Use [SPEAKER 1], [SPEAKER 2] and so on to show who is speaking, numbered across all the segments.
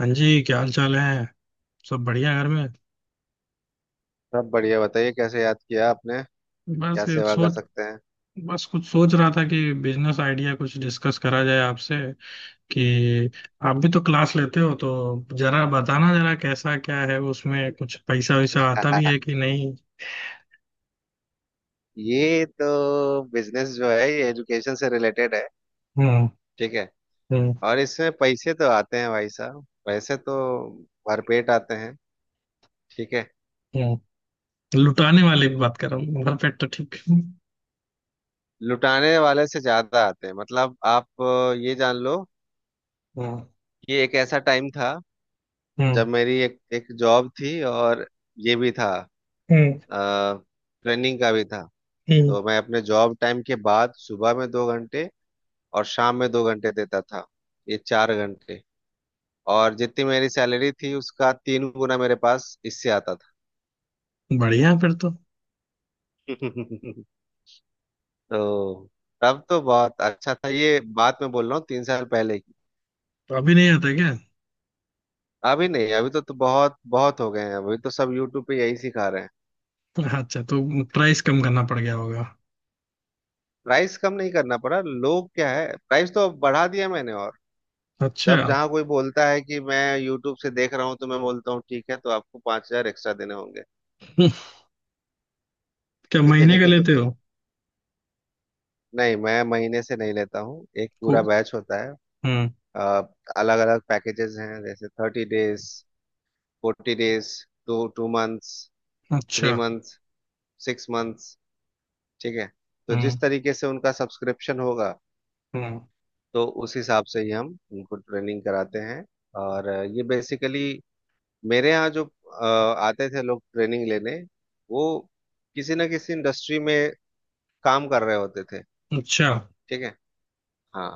[SPEAKER 1] हाँ जी, क्या हाल चाल है? सब बढ़िया, घर में।
[SPEAKER 2] सब बढ़िया। बताइए कैसे याद किया आपने?
[SPEAKER 1] बस
[SPEAKER 2] क्या
[SPEAKER 1] ये
[SPEAKER 2] सेवा कर
[SPEAKER 1] सोच
[SPEAKER 2] सकते हैं?
[SPEAKER 1] बस कुछ सोच रहा था कि बिजनेस आइडिया कुछ डिस्कस करा जाए आपसे। कि आप भी तो क्लास लेते हो, तो जरा बताना, जरा कैसा क्या है, उसमें कुछ पैसा वैसा आता भी है कि नहीं।
[SPEAKER 2] ये तो बिजनेस जो है ये एजुकेशन से रिलेटेड है।
[SPEAKER 1] हम्म,
[SPEAKER 2] ठीक है।
[SPEAKER 1] हम्म,
[SPEAKER 2] और इसमें पैसे तो आते हैं भाई साहब, पैसे तो भरपेट आते हैं। ठीक है।
[SPEAKER 1] हम्म। लुटाने वाले की बात कर रहा हूँ, घर पे तो ठीक। हम्म।
[SPEAKER 2] लुटाने वाले से ज्यादा आते हैं मतलब आप ये जान लो कि एक ऐसा टाइम था
[SPEAKER 1] हम्म,
[SPEAKER 2] जब मेरी एक एक जॉब थी, और ये भी था,
[SPEAKER 1] हम्म,
[SPEAKER 2] ट्रेनिंग का भी था।
[SPEAKER 1] हम्म।
[SPEAKER 2] तो मैं अपने जॉब टाइम के बाद सुबह में 2 घंटे और शाम में 2 घंटे देता था। ये 4 घंटे, और जितनी मेरी सैलरी थी उसका 3 गुना मेरे पास इससे आता था।
[SPEAKER 1] बढ़िया फिर तो।
[SPEAKER 2] तो तब तो बहुत अच्छा था। ये बात मैं बोल रहा हूँ 3 साल पहले की।
[SPEAKER 1] तो अभी नहीं आता क्या?
[SPEAKER 2] अभी नहीं, अभी तो बहुत बहुत हो गए हैं, अभी तो सब यूट्यूब पे यही सिखा रहे हैं।
[SPEAKER 1] अच्छा, तो प्राइस कम करना पड़ गया होगा।
[SPEAKER 2] प्राइस कम नहीं करना पड़ा, लोग क्या है, प्राइस तो बढ़ा दिया मैंने। और
[SPEAKER 1] अच्छा।
[SPEAKER 2] जब जहाँ कोई बोलता है कि मैं यूट्यूब से देख रहा हूँ, तो मैं बोलता हूँ ठीक है तो आपको 5,000 एक्स्ट्रा देने
[SPEAKER 1] क्या महीने का
[SPEAKER 2] होंगे।
[SPEAKER 1] लेते हो?
[SPEAKER 2] नहीं, मैं महीने से नहीं लेता हूँ, एक पूरा बैच होता है।
[SPEAKER 1] हम्म।
[SPEAKER 2] अलग अलग पैकेजेस हैं, जैसे 30 days, 40 days, to two months,
[SPEAKER 1] अच्छा।
[SPEAKER 2] 3 months, 6 months। ठीक है। तो
[SPEAKER 1] हम्म,
[SPEAKER 2] जिस तरीके से उनका सब्सक्रिप्शन होगा,
[SPEAKER 1] हम्म।
[SPEAKER 2] तो उस हिसाब से ही हम उनको ट्रेनिंग कराते हैं। और ये बेसिकली मेरे यहाँ जो आते थे लोग ट्रेनिंग लेने, वो किसी ना किसी इंडस्ट्री में काम कर रहे होते थे।
[SPEAKER 1] अच्छा।
[SPEAKER 2] ठीक है। हाँ।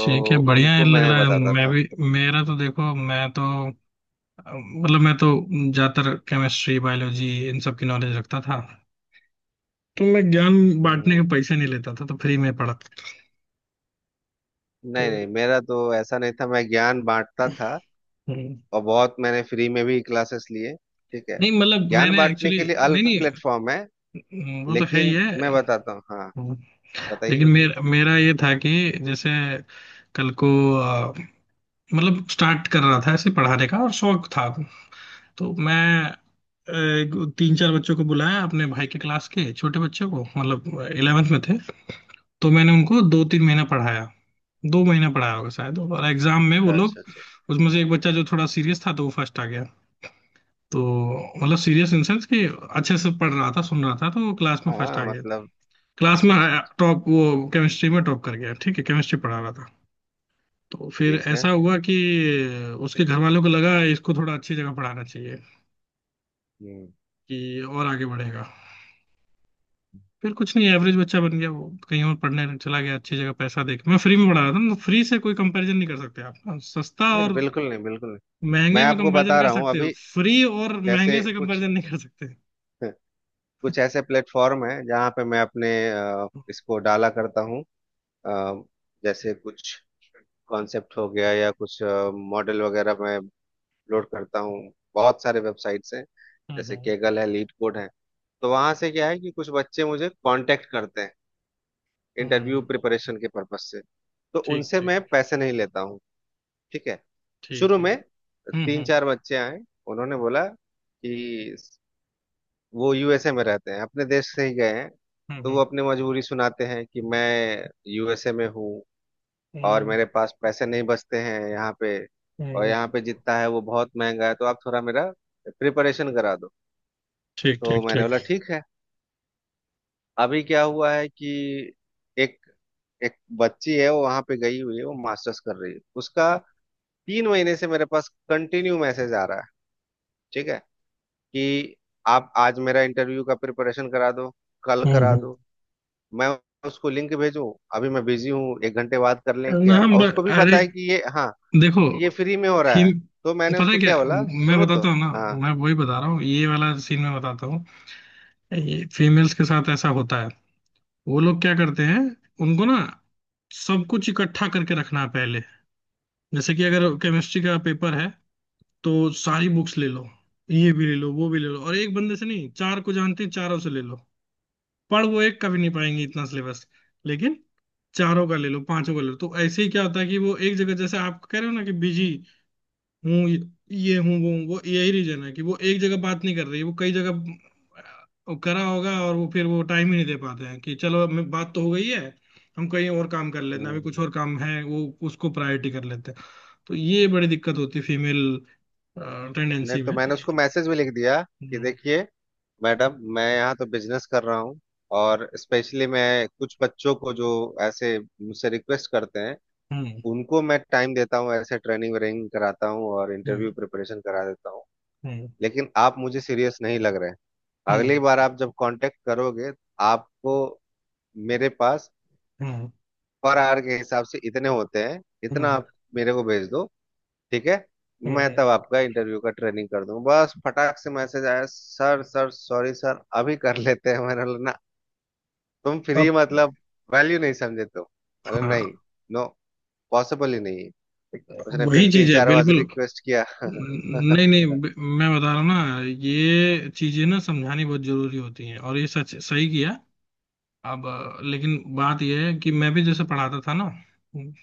[SPEAKER 1] ठीक है, बढ़िया है,
[SPEAKER 2] उनको
[SPEAKER 1] लग
[SPEAKER 2] मैं
[SPEAKER 1] रहा है
[SPEAKER 2] बताता
[SPEAKER 1] मैं
[SPEAKER 2] था।
[SPEAKER 1] भी। मेरा तो देखो, मैं तो मतलब मैं तो ज्यादातर केमिस्ट्री, बायोलॉजी, इन सब की नॉलेज रखता था। तो मैं ज्ञान बांटने
[SPEAKER 2] हम्म।
[SPEAKER 1] के पैसे नहीं लेता था, तो फ्री में पढ़ा था। तो।
[SPEAKER 2] नहीं, नहीं, मेरा तो ऐसा नहीं था, मैं ज्ञान बांटता था।
[SPEAKER 1] हम्म।
[SPEAKER 2] और बहुत मैंने फ्री में भी क्लासेस लिए। ठीक है।
[SPEAKER 1] नहीं मतलब
[SPEAKER 2] ज्ञान
[SPEAKER 1] मैंने
[SPEAKER 2] बांटने
[SPEAKER 1] एक्चुअली।
[SPEAKER 2] के लिए
[SPEAKER 1] नहीं
[SPEAKER 2] अलग
[SPEAKER 1] नहीं।
[SPEAKER 2] प्लेटफॉर्म है,
[SPEAKER 1] वो तो है ही
[SPEAKER 2] लेकिन मैं
[SPEAKER 1] है।
[SPEAKER 2] बताता हूँ। हाँ।
[SPEAKER 1] हम्म।
[SPEAKER 2] बताइए
[SPEAKER 1] लेकिन
[SPEAKER 2] बताइए।
[SPEAKER 1] मेरा मेरा ये था कि जैसे कल को, अ, मतलब स्टार्ट कर रहा था ऐसे पढ़ाने का और शौक था। तो मैं, अ, तीन चार बच्चों को बुलाया, अपने भाई के क्लास के छोटे बच्चों को, मतलब 11th में थे। तो मैंने उनको दो तीन महीना पढ़ाया, दो महीना पढ़ाया होगा शायद, और एग्जाम में वो लोग,
[SPEAKER 2] अच्छा अच्छा
[SPEAKER 1] उसमें से एक बच्चा जो थोड़ा सीरियस था तो वो फर्स्ट आ गया। तो मतलब सीरियस इन सेंस कि अच्छे से पढ़ रहा था, सुन रहा था, तो वो क्लास में
[SPEAKER 2] अच्छा।
[SPEAKER 1] फर्स्ट आ
[SPEAKER 2] हाँ
[SPEAKER 1] गया।
[SPEAKER 2] मतलब।
[SPEAKER 1] क्लास
[SPEAKER 2] अच्छा
[SPEAKER 1] में
[SPEAKER 2] अच्छा अच्छा।
[SPEAKER 1] टॉप, वो केमिस्ट्री में टॉप कर गया। ठीक है, केमिस्ट्री पढ़ा रहा था। तो फिर
[SPEAKER 2] ठीक है।
[SPEAKER 1] ऐसा हुआ कि उसके घर वालों को लगा इसको थोड़ा अच्छी जगह पढ़ाना चाहिए
[SPEAKER 2] हम्म।
[SPEAKER 1] कि और आगे बढ़ेगा। फिर कुछ नहीं, एवरेज बच्चा बन गया, वो कहीं और पढ़ने चला गया अच्छी जगह, पैसा देख। मैं फ्री में पढ़ा रहा था ना, तो फ्री से कोई कंपैरिजन नहीं कर सकते आप। हाँ, सस्ता
[SPEAKER 2] नहीं, नहीं,
[SPEAKER 1] और
[SPEAKER 2] बिल्कुल नहीं, बिल्कुल नहीं।
[SPEAKER 1] महंगे
[SPEAKER 2] मैं
[SPEAKER 1] में
[SPEAKER 2] आपको
[SPEAKER 1] कंपैरिजन
[SPEAKER 2] बता
[SPEAKER 1] कर
[SPEAKER 2] रहा हूँ
[SPEAKER 1] सकते हो।
[SPEAKER 2] अभी।
[SPEAKER 1] फ्री और
[SPEAKER 2] जैसे
[SPEAKER 1] महंगे से
[SPEAKER 2] कुछ
[SPEAKER 1] कंपैरिजन नहीं कर सकते।
[SPEAKER 2] कुछ ऐसे प्लेटफॉर्म है जहाँ पे मैं अपने इसको डाला करता हूँ। अ, जैसे कुछ कॉन्सेप्ट हो गया या कुछ मॉडल वगैरह मैं अपलोड करता हूँ। बहुत सारे वेबसाइट्स हैं, जैसे
[SPEAKER 1] हम्म,
[SPEAKER 2] केगल है, लीड कोड है। तो वहां से क्या है कि कुछ बच्चे मुझे कांटेक्ट करते हैं
[SPEAKER 1] हम्म,
[SPEAKER 2] इंटरव्यू प्रिपरेशन के पर्पज से। तो
[SPEAKER 1] ठीक
[SPEAKER 2] उनसे
[SPEAKER 1] ठीक,
[SPEAKER 2] मैं पैसे नहीं लेता हूँ। ठीक है। शुरू
[SPEAKER 1] ठीक है।
[SPEAKER 2] में
[SPEAKER 1] हम्म,
[SPEAKER 2] तीन
[SPEAKER 1] हम्म,
[SPEAKER 2] चार बच्चे आए, उन्होंने बोला कि वो यूएसए में रहते हैं, अपने देश से ही गए हैं। तो वो
[SPEAKER 1] हम्म,
[SPEAKER 2] अपनी मजबूरी सुनाते हैं कि मैं यूएसए में हूँ और
[SPEAKER 1] हम्म,
[SPEAKER 2] मेरे पास पैसे नहीं बचते हैं यहाँ पे। और यहाँ
[SPEAKER 1] हम्म,
[SPEAKER 2] पे जितना है वो बहुत महंगा है, तो आप थोड़ा मेरा प्रिपरेशन करा दो।
[SPEAKER 1] ठीक
[SPEAKER 2] तो
[SPEAKER 1] ठीक
[SPEAKER 2] मैंने
[SPEAKER 1] ठीक।
[SPEAKER 2] बोला ठीक है। अभी क्या हुआ है कि एक एक बच्ची है, वो वहां पे गई हुई है, वो मास्टर्स कर रही है उसका। 3 महीने से मेरे पास कंटिन्यू मैसेज आ रहा है। ठीक है। कि आप आज मेरा इंटरव्यू का प्रिपरेशन करा दो, कल
[SPEAKER 1] हम्म,
[SPEAKER 2] करा दो, मैं उसको लिंक भेजूं, अभी मैं बिजी हूँ, 1 घंटे बाद कर लें
[SPEAKER 1] ना,
[SPEAKER 2] क्या।
[SPEAKER 1] हम,
[SPEAKER 2] और उसको भी पता
[SPEAKER 1] अरे
[SPEAKER 2] है कि ये हाँ,
[SPEAKER 1] देखो,
[SPEAKER 2] ये फ्री में हो रहा है।
[SPEAKER 1] फील,
[SPEAKER 2] तो मैंने
[SPEAKER 1] पता है
[SPEAKER 2] उसको
[SPEAKER 1] क्या,
[SPEAKER 2] क्या बोला,
[SPEAKER 1] मैं
[SPEAKER 2] सुनो तो।
[SPEAKER 1] बताता हूँ ना।
[SPEAKER 2] हाँ।
[SPEAKER 1] मैं वही बता रहा हूँ, ये वाला सीन मैं बताता हूँ। ये फीमेल्स के साथ ऐसा होता है। वो लोग क्या करते हैं, उनको ना, सब कुछ इकट्ठा करके रखना है पहले। जैसे कि अगर केमिस्ट्री का पेपर है, तो सारी बुक्स ले लो, ये भी ले लो, वो भी ले लो, और एक बंदे से नहीं, चार को जानते हैं चारों से ले लो। पढ़, वो एक कभी नहीं पाएंगे इतना सिलेबस। लेकिन चारों का ले लो, पांचों का ले लो। तो ऐसे ही क्या होता है कि वो एक जगह, जैसे आप कह रहे हो ना कि बिजी हूँ, ये हूँ, वो हूँ, वो यही रीजन है कि वो एक जगह बात नहीं कर रही, वो कई जगह करा होगा। और वो फिर वो टाइम ही नहीं दे पाते हैं कि चलो अब बात तो हो गई है, हम कहीं और काम कर लेते हैं, अभी कुछ
[SPEAKER 2] हम्म।
[SPEAKER 1] और काम है, वो उसको प्रायोरिटी कर लेते हैं। तो ये बड़ी दिक्कत होती है फीमेल
[SPEAKER 2] नहीं
[SPEAKER 1] टेंडेंसी
[SPEAKER 2] तो
[SPEAKER 1] में।
[SPEAKER 2] मैंने उसको मैसेज भी लिख दिया कि
[SPEAKER 1] हम्म,
[SPEAKER 2] देखिए मैडम, मैं यहाँ तो बिजनेस कर रहा हूँ, और स्पेशली मैं कुछ बच्चों को जो ऐसे मुझसे रिक्वेस्ट करते हैं
[SPEAKER 1] हम्म,
[SPEAKER 2] उनको मैं टाइम देता हूँ, ऐसे ट्रेनिंग व्रेनिंग कराता हूँ और
[SPEAKER 1] हम्म,
[SPEAKER 2] इंटरव्यू प्रिपरेशन करा देता हूँ।
[SPEAKER 1] हम्म,
[SPEAKER 2] लेकिन आप मुझे सीरियस नहीं लग रहे हैं। अगली
[SPEAKER 1] हम्म,
[SPEAKER 2] बार आप जब कांटेक्ट करोगे, आपको मेरे पास
[SPEAKER 1] हम्म,
[SPEAKER 2] पर आवर के हिसाब से इतने होते हैं, इतना
[SPEAKER 1] हम्म,
[SPEAKER 2] आप मेरे को भेज दो। ठीक है। मैं
[SPEAKER 1] हम्म।
[SPEAKER 2] तब आपका इंटरव्यू का ट्रेनिंग कर दूं। बस फटाक से मैसेज आया, सर सर सॉरी सर अभी कर लेते हैं। मैंने बोला, ना, तुम
[SPEAKER 1] अब,
[SPEAKER 2] फ्री मतलब वैल्यू नहीं समझे तुम, मतलब
[SPEAKER 1] हाँ,
[SPEAKER 2] नहीं। नो, पॉसिबल ही नहीं है। उसने फिर
[SPEAKER 1] वही
[SPEAKER 2] तीन
[SPEAKER 1] चीज है
[SPEAKER 2] चार बार
[SPEAKER 1] बिल्कुल।
[SPEAKER 2] रिक्वेस्ट किया।
[SPEAKER 1] नहीं नहीं,
[SPEAKER 2] नहीं,
[SPEAKER 1] मैं बता रहा हूँ ना, ये चीजें ना समझानी बहुत जरूरी होती हैं, और ये सच, सही किया। अब, लेकिन बात ये है कि मैं भी जैसे पढ़ाता था ना,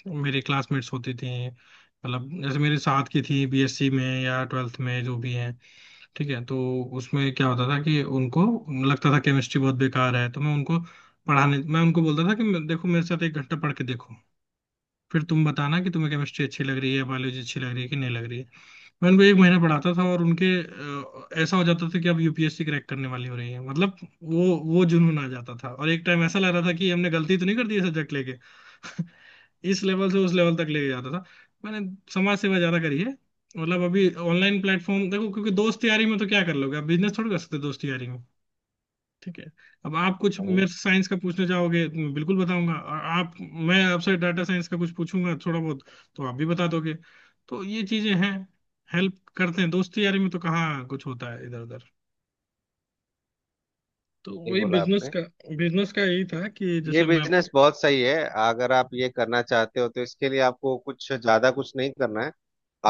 [SPEAKER 1] मेरी क्लासमेट्स होती थी, मतलब जैसे मेरे साथ की थी, बीएससी में या ट्वेल्थ में, जो भी हैं। ठीक है, तो उसमें क्या होता था कि उनको लगता था केमिस्ट्री बहुत बेकार है, तो मैं उनको बोलता था कि देखो मेरे साथ एक घंटा पढ़ के देखो, फिर तुम बताना कि तुम्हें केमिस्ट्री अच्छी लग रही है, बायोलॉजी अच्छी लग रही है, कि नहीं लग रही है। मैं उनको एक महीना पढ़ाता था, और उनके ऐसा हो जाता था कि अब यूपीएससी क्रैक करने वाली हो रही है, मतलब। वो जुनून आ जाता था, और एक टाइम ऐसा लग रहा था कि हमने गलती तो नहीं कर दी सब्जेक्ट लेके। इस लेवल से उस लेवल तक लेके जाता था। मैंने समाज सेवा ज्यादा करी है। मतलब अभी ऑनलाइन प्लेटफॉर्म देखो, क्योंकि दोस्त यारी में तो क्या कर लोगे, आप बिजनेस थोड़ी कर सकते हो दोस्त यारी में। ठीक है। अब आप कुछ मेरे से साइंस का पूछना चाहोगे तो मैं बिल्कुल बताऊंगा, और आप मैं आपसे डाटा साइंस का कुछ पूछूंगा थोड़ा बहुत, तो आप भी बता दोगे। तो ये चीजें हैं, हेल्प करते हैं। दोस्ती यारी में तो कहाँ कुछ होता है, इधर उधर। तो
[SPEAKER 2] नहीं
[SPEAKER 1] वही
[SPEAKER 2] बोला
[SPEAKER 1] बिजनेस
[SPEAKER 2] आपने।
[SPEAKER 1] का बिजनेस का यही था कि
[SPEAKER 2] ये
[SPEAKER 1] जैसे मैं।
[SPEAKER 2] बिजनेस बहुत सही है। अगर आप ये करना चाहते हो तो इसके लिए आपको कुछ ज्यादा कुछ नहीं करना है।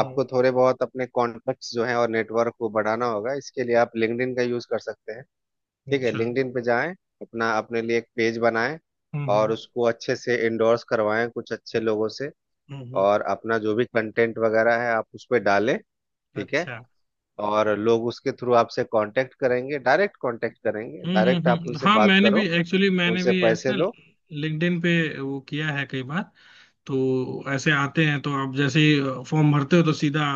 [SPEAKER 1] हम्म,
[SPEAKER 2] थोड़े बहुत अपने कॉन्टैक्ट्स जो हैं और नेटवर्क को बढ़ाना होगा। इसके लिए आप लिंक्डइन का यूज कर सकते हैं। ठीक है।
[SPEAKER 1] अच्छा,
[SPEAKER 2] लिंक्डइन पे जाएं, अपना अपने लिए एक पेज बनाएं।
[SPEAKER 1] हम्म, हम्म,
[SPEAKER 2] और उसको अच्छे से इंडोर्स करवाएं कुछ अच्छे लोगों से।
[SPEAKER 1] हम्म,
[SPEAKER 2] और अपना जो भी कंटेंट वगैरह है आप उस पर डालें। ठीक है।
[SPEAKER 1] अच्छा,
[SPEAKER 2] और लोग उसके थ्रू आपसे कांटेक्ट करेंगे, डायरेक्ट कांटेक्ट करेंगे।
[SPEAKER 1] हम्म,
[SPEAKER 2] डायरेक्ट
[SPEAKER 1] हम्म,
[SPEAKER 2] आप उनसे
[SPEAKER 1] हाँ
[SPEAKER 2] बात
[SPEAKER 1] मैंने भी,
[SPEAKER 2] करो,
[SPEAKER 1] एक्चुअली मैंने
[SPEAKER 2] उनसे
[SPEAKER 1] भी
[SPEAKER 2] पैसे
[SPEAKER 1] ऐसे ना
[SPEAKER 2] लो।
[SPEAKER 1] लिंक्डइन पे वो किया है कई बार। तो ऐसे आते हैं, तो आप जैसे फॉर्म भरते हो तो सीधा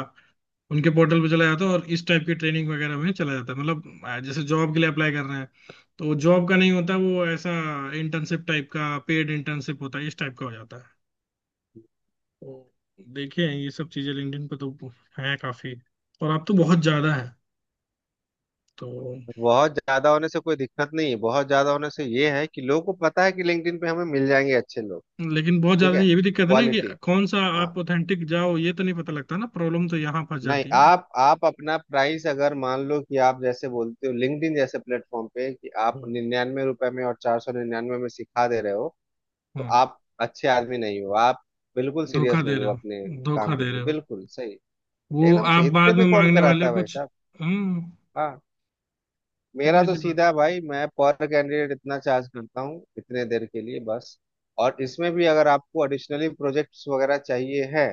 [SPEAKER 1] उनके पोर्टल पे चला जाता है, और इस टाइप की ट्रेनिंग वगैरह में चला जाता है, मतलब जैसे जॉब के लिए अप्लाई कर रहे हैं। तो जॉब का नहीं होता वो ऐसा, इंटर्नशिप टाइप का, पेड इंटर्नशिप होता है इस टाइप का हो जाता है। तो देखिए, ये सब चीजें लिंक्डइन पे तो है काफी, और आप तो बहुत ज्यादा है तो।
[SPEAKER 2] बहुत ज्यादा होने से कोई दिक्कत नहीं है, बहुत ज्यादा होने से ये है कि लोगों को पता है कि लिंक्डइन पे हमें मिल जाएंगे अच्छे लोग।
[SPEAKER 1] लेकिन बहुत
[SPEAKER 2] ठीक
[SPEAKER 1] ज्यादा
[SPEAKER 2] है।
[SPEAKER 1] ये भी दिक्कत है ना कि
[SPEAKER 2] क्वालिटी।
[SPEAKER 1] कौन सा
[SPEAKER 2] हाँ।
[SPEAKER 1] आप ऑथेंटिक जाओ, ये तो नहीं पता लगता ना, प्रॉब्लम तो यहाँ फंस
[SPEAKER 2] नहीं,
[SPEAKER 1] जाती है ना।
[SPEAKER 2] आप अपना प्राइस, अगर मान लो कि आप जैसे बोलते हो लिंक्डइन जैसे प्लेटफॉर्म पे कि आप
[SPEAKER 1] हम्म,
[SPEAKER 2] 99 रुपए में और 499 में सिखा दे रहे हो, तो
[SPEAKER 1] हम्म,
[SPEAKER 2] आप अच्छे आदमी नहीं हो, आप बिल्कुल
[SPEAKER 1] धोखा
[SPEAKER 2] सीरियस
[SPEAKER 1] दे
[SPEAKER 2] नहीं
[SPEAKER 1] रहे
[SPEAKER 2] हो अपने
[SPEAKER 1] हो,
[SPEAKER 2] काम
[SPEAKER 1] धोखा
[SPEAKER 2] के
[SPEAKER 1] दे
[SPEAKER 2] ऊपर।
[SPEAKER 1] रहे हो,
[SPEAKER 2] बिल्कुल सही।
[SPEAKER 1] वो
[SPEAKER 2] एकदम
[SPEAKER 1] आप
[SPEAKER 2] सही, इतने
[SPEAKER 1] बाद
[SPEAKER 2] में
[SPEAKER 1] में
[SPEAKER 2] कौन
[SPEAKER 1] मांगने वाले
[SPEAKER 2] कराता
[SPEAKER 1] हो
[SPEAKER 2] है भाई
[SPEAKER 1] कुछ।
[SPEAKER 2] साहब।
[SPEAKER 1] हम्म,
[SPEAKER 2] हाँ। मेरा
[SPEAKER 1] सीधी
[SPEAKER 2] तो
[SPEAKER 1] सी बात।
[SPEAKER 2] सीधा भाई, मैं पर कैंडिडेट इतना चार्ज करता हूँ, इतने देर के लिए बस। और इसमें भी अगर आपको एडिशनली प्रोजेक्ट्स वगैरह चाहिए है,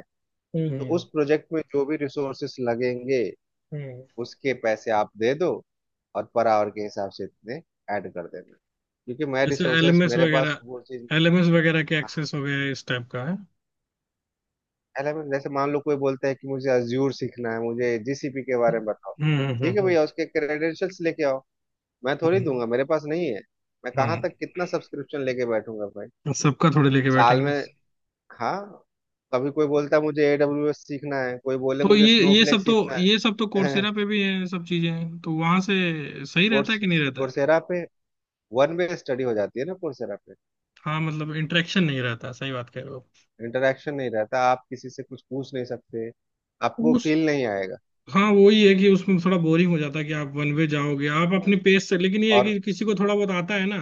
[SPEAKER 2] तो
[SPEAKER 1] हम्म,
[SPEAKER 2] उस प्रोजेक्ट में जो भी रिसोर्सेस लगेंगे
[SPEAKER 1] हम्म,
[SPEAKER 2] उसके पैसे आप दे दो, और पर आवर के हिसाब से इतने ऐड कर देना। क्योंकि मैं
[SPEAKER 1] जैसे
[SPEAKER 2] रिसोर्सेस
[SPEAKER 1] एलएमएस
[SPEAKER 2] मेरे पास
[SPEAKER 1] वगैरह,
[SPEAKER 2] वो चीज
[SPEAKER 1] एलएमएस वगैरह के एक्सेस हो गए, इस टाइप का है।
[SPEAKER 2] एलएमएस, जैसे मान लो कोई बोलता है कि मुझे अज्यूर सीखना है, मुझे जीसीपी के बारे में बताओ,
[SPEAKER 1] हम्म, हम्म,
[SPEAKER 2] ठीक है भैया उसके क्रेडेंशियल्स लेके आओ, मैं थोड़ी
[SPEAKER 1] हम्म,
[SPEAKER 2] दूंगा, मेरे पास नहीं है। मैं कहाँ
[SPEAKER 1] हाँ,
[SPEAKER 2] तक कितना सब्सक्रिप्शन लेके बैठूंगा भाई
[SPEAKER 1] सबका थोड़े लेके
[SPEAKER 2] साल
[SPEAKER 1] बैठेंगे।
[SPEAKER 2] में। हाँ। कभी कोई बोलता है मुझे एडब्ल्यूएस सीखना है, कोई बोले
[SPEAKER 1] तो
[SPEAKER 2] मुझे
[SPEAKER 1] ये ये
[SPEAKER 2] स्नोफ्लेक
[SPEAKER 1] सब तो
[SPEAKER 2] सीखना
[SPEAKER 1] ये सब तो
[SPEAKER 2] है।
[SPEAKER 1] कोर्सेरा पे भी है, ये सब चीजें हैं, तो वहां से सही
[SPEAKER 2] कोर्स
[SPEAKER 1] रहता है कि नहीं रहता है?
[SPEAKER 2] कोर्सेरा पे वन वे स्टडी हो जाती है ना, कोर्सेरा पे।
[SPEAKER 1] हाँ मतलब इंटरेक्शन नहीं रहता, सही बात कह रहे
[SPEAKER 2] इंटरेक्शन नहीं रहता, आप किसी से कुछ पूछ नहीं सकते,
[SPEAKER 1] हो
[SPEAKER 2] आपको
[SPEAKER 1] उस।
[SPEAKER 2] फील नहीं आएगा।
[SPEAKER 1] हाँ, वही है कि उसमें थोड़ा बोरिंग हो जाता है कि आप वन वे जाओगे, आप अपने पेस से, लेकिन ये है
[SPEAKER 2] और
[SPEAKER 1] कि किसी को थोड़ा बहुत आता है ना,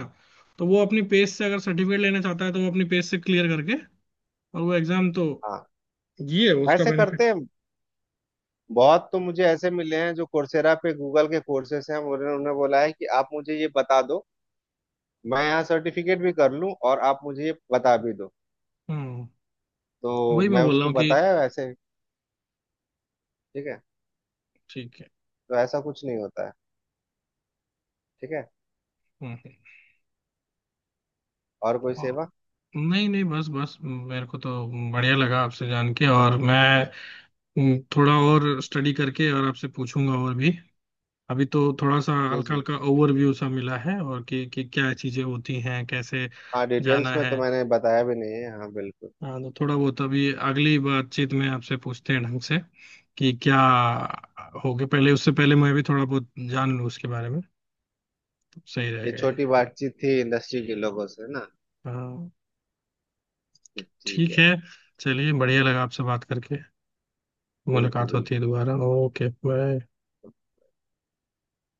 [SPEAKER 1] तो वो अपनी पेस से अगर सर्टिफिकेट लेना चाहता है तो वो अपनी पेस से क्लियर करके, और वो एग्जाम तो,
[SPEAKER 2] हाँ,
[SPEAKER 1] ये है उसका
[SPEAKER 2] ऐसे
[SPEAKER 1] बेनिफिट।
[SPEAKER 2] करते हैं। बहुत तो मुझे ऐसे मिले हैं जो कोर्सेरा पे गूगल के कोर्सेस हैं, उन्होंने उन्होंने बोला है कि आप मुझे ये बता दो, मैं यहाँ सर्टिफिकेट भी कर लूँ और आप मुझे ये बता भी दो,
[SPEAKER 1] हम्म,
[SPEAKER 2] तो
[SPEAKER 1] वही मैं
[SPEAKER 2] मैं
[SPEAKER 1] बोल रहा
[SPEAKER 2] उसको
[SPEAKER 1] हूँ कि,
[SPEAKER 2] बताया वैसे। ठीक है।
[SPEAKER 1] ठीक है।
[SPEAKER 2] तो ऐसा कुछ नहीं होता है। ठीक है।
[SPEAKER 1] हम्म, हम्म।
[SPEAKER 2] और कोई
[SPEAKER 1] और-
[SPEAKER 2] सेवा?
[SPEAKER 1] नहीं नहीं, बस बस मेरे को तो बढ़िया लगा आपसे जान के, और मैं, थोड़ा और स्टडी करके और आपसे पूछूंगा और भी। अभी तो थोड़ा सा
[SPEAKER 2] जी
[SPEAKER 1] हल्का
[SPEAKER 2] जी।
[SPEAKER 1] हल्का ओवरव्यू सा मिला है, और कि क्या चीजें होती हैं, कैसे
[SPEAKER 2] हाँ, डिटेल्स
[SPEAKER 1] जाना
[SPEAKER 2] में
[SPEAKER 1] है।
[SPEAKER 2] तो मैंने बताया भी नहीं है। हाँ, बिल्कुल।
[SPEAKER 1] हाँ, तो थोड़ा बहुत अभी अगली बातचीत में आपसे पूछते हैं ढंग से कि क्या हो गया, पहले उससे पहले मैं भी थोड़ा बहुत जान लूँ उसके बारे में, तो सही
[SPEAKER 2] ये
[SPEAKER 1] रहेगा ये।
[SPEAKER 2] छोटी बातचीत थी इंडस्ट्री के लोगों से ना।
[SPEAKER 1] हाँ,
[SPEAKER 2] ठीक
[SPEAKER 1] ठीक
[SPEAKER 2] है।
[SPEAKER 1] है, चलिए, बढ़िया लगा आपसे बात करके,
[SPEAKER 2] बिल्कुल
[SPEAKER 1] मुलाकात होती है
[SPEAKER 2] बिल्कुल।
[SPEAKER 1] दोबारा। Okay, bye.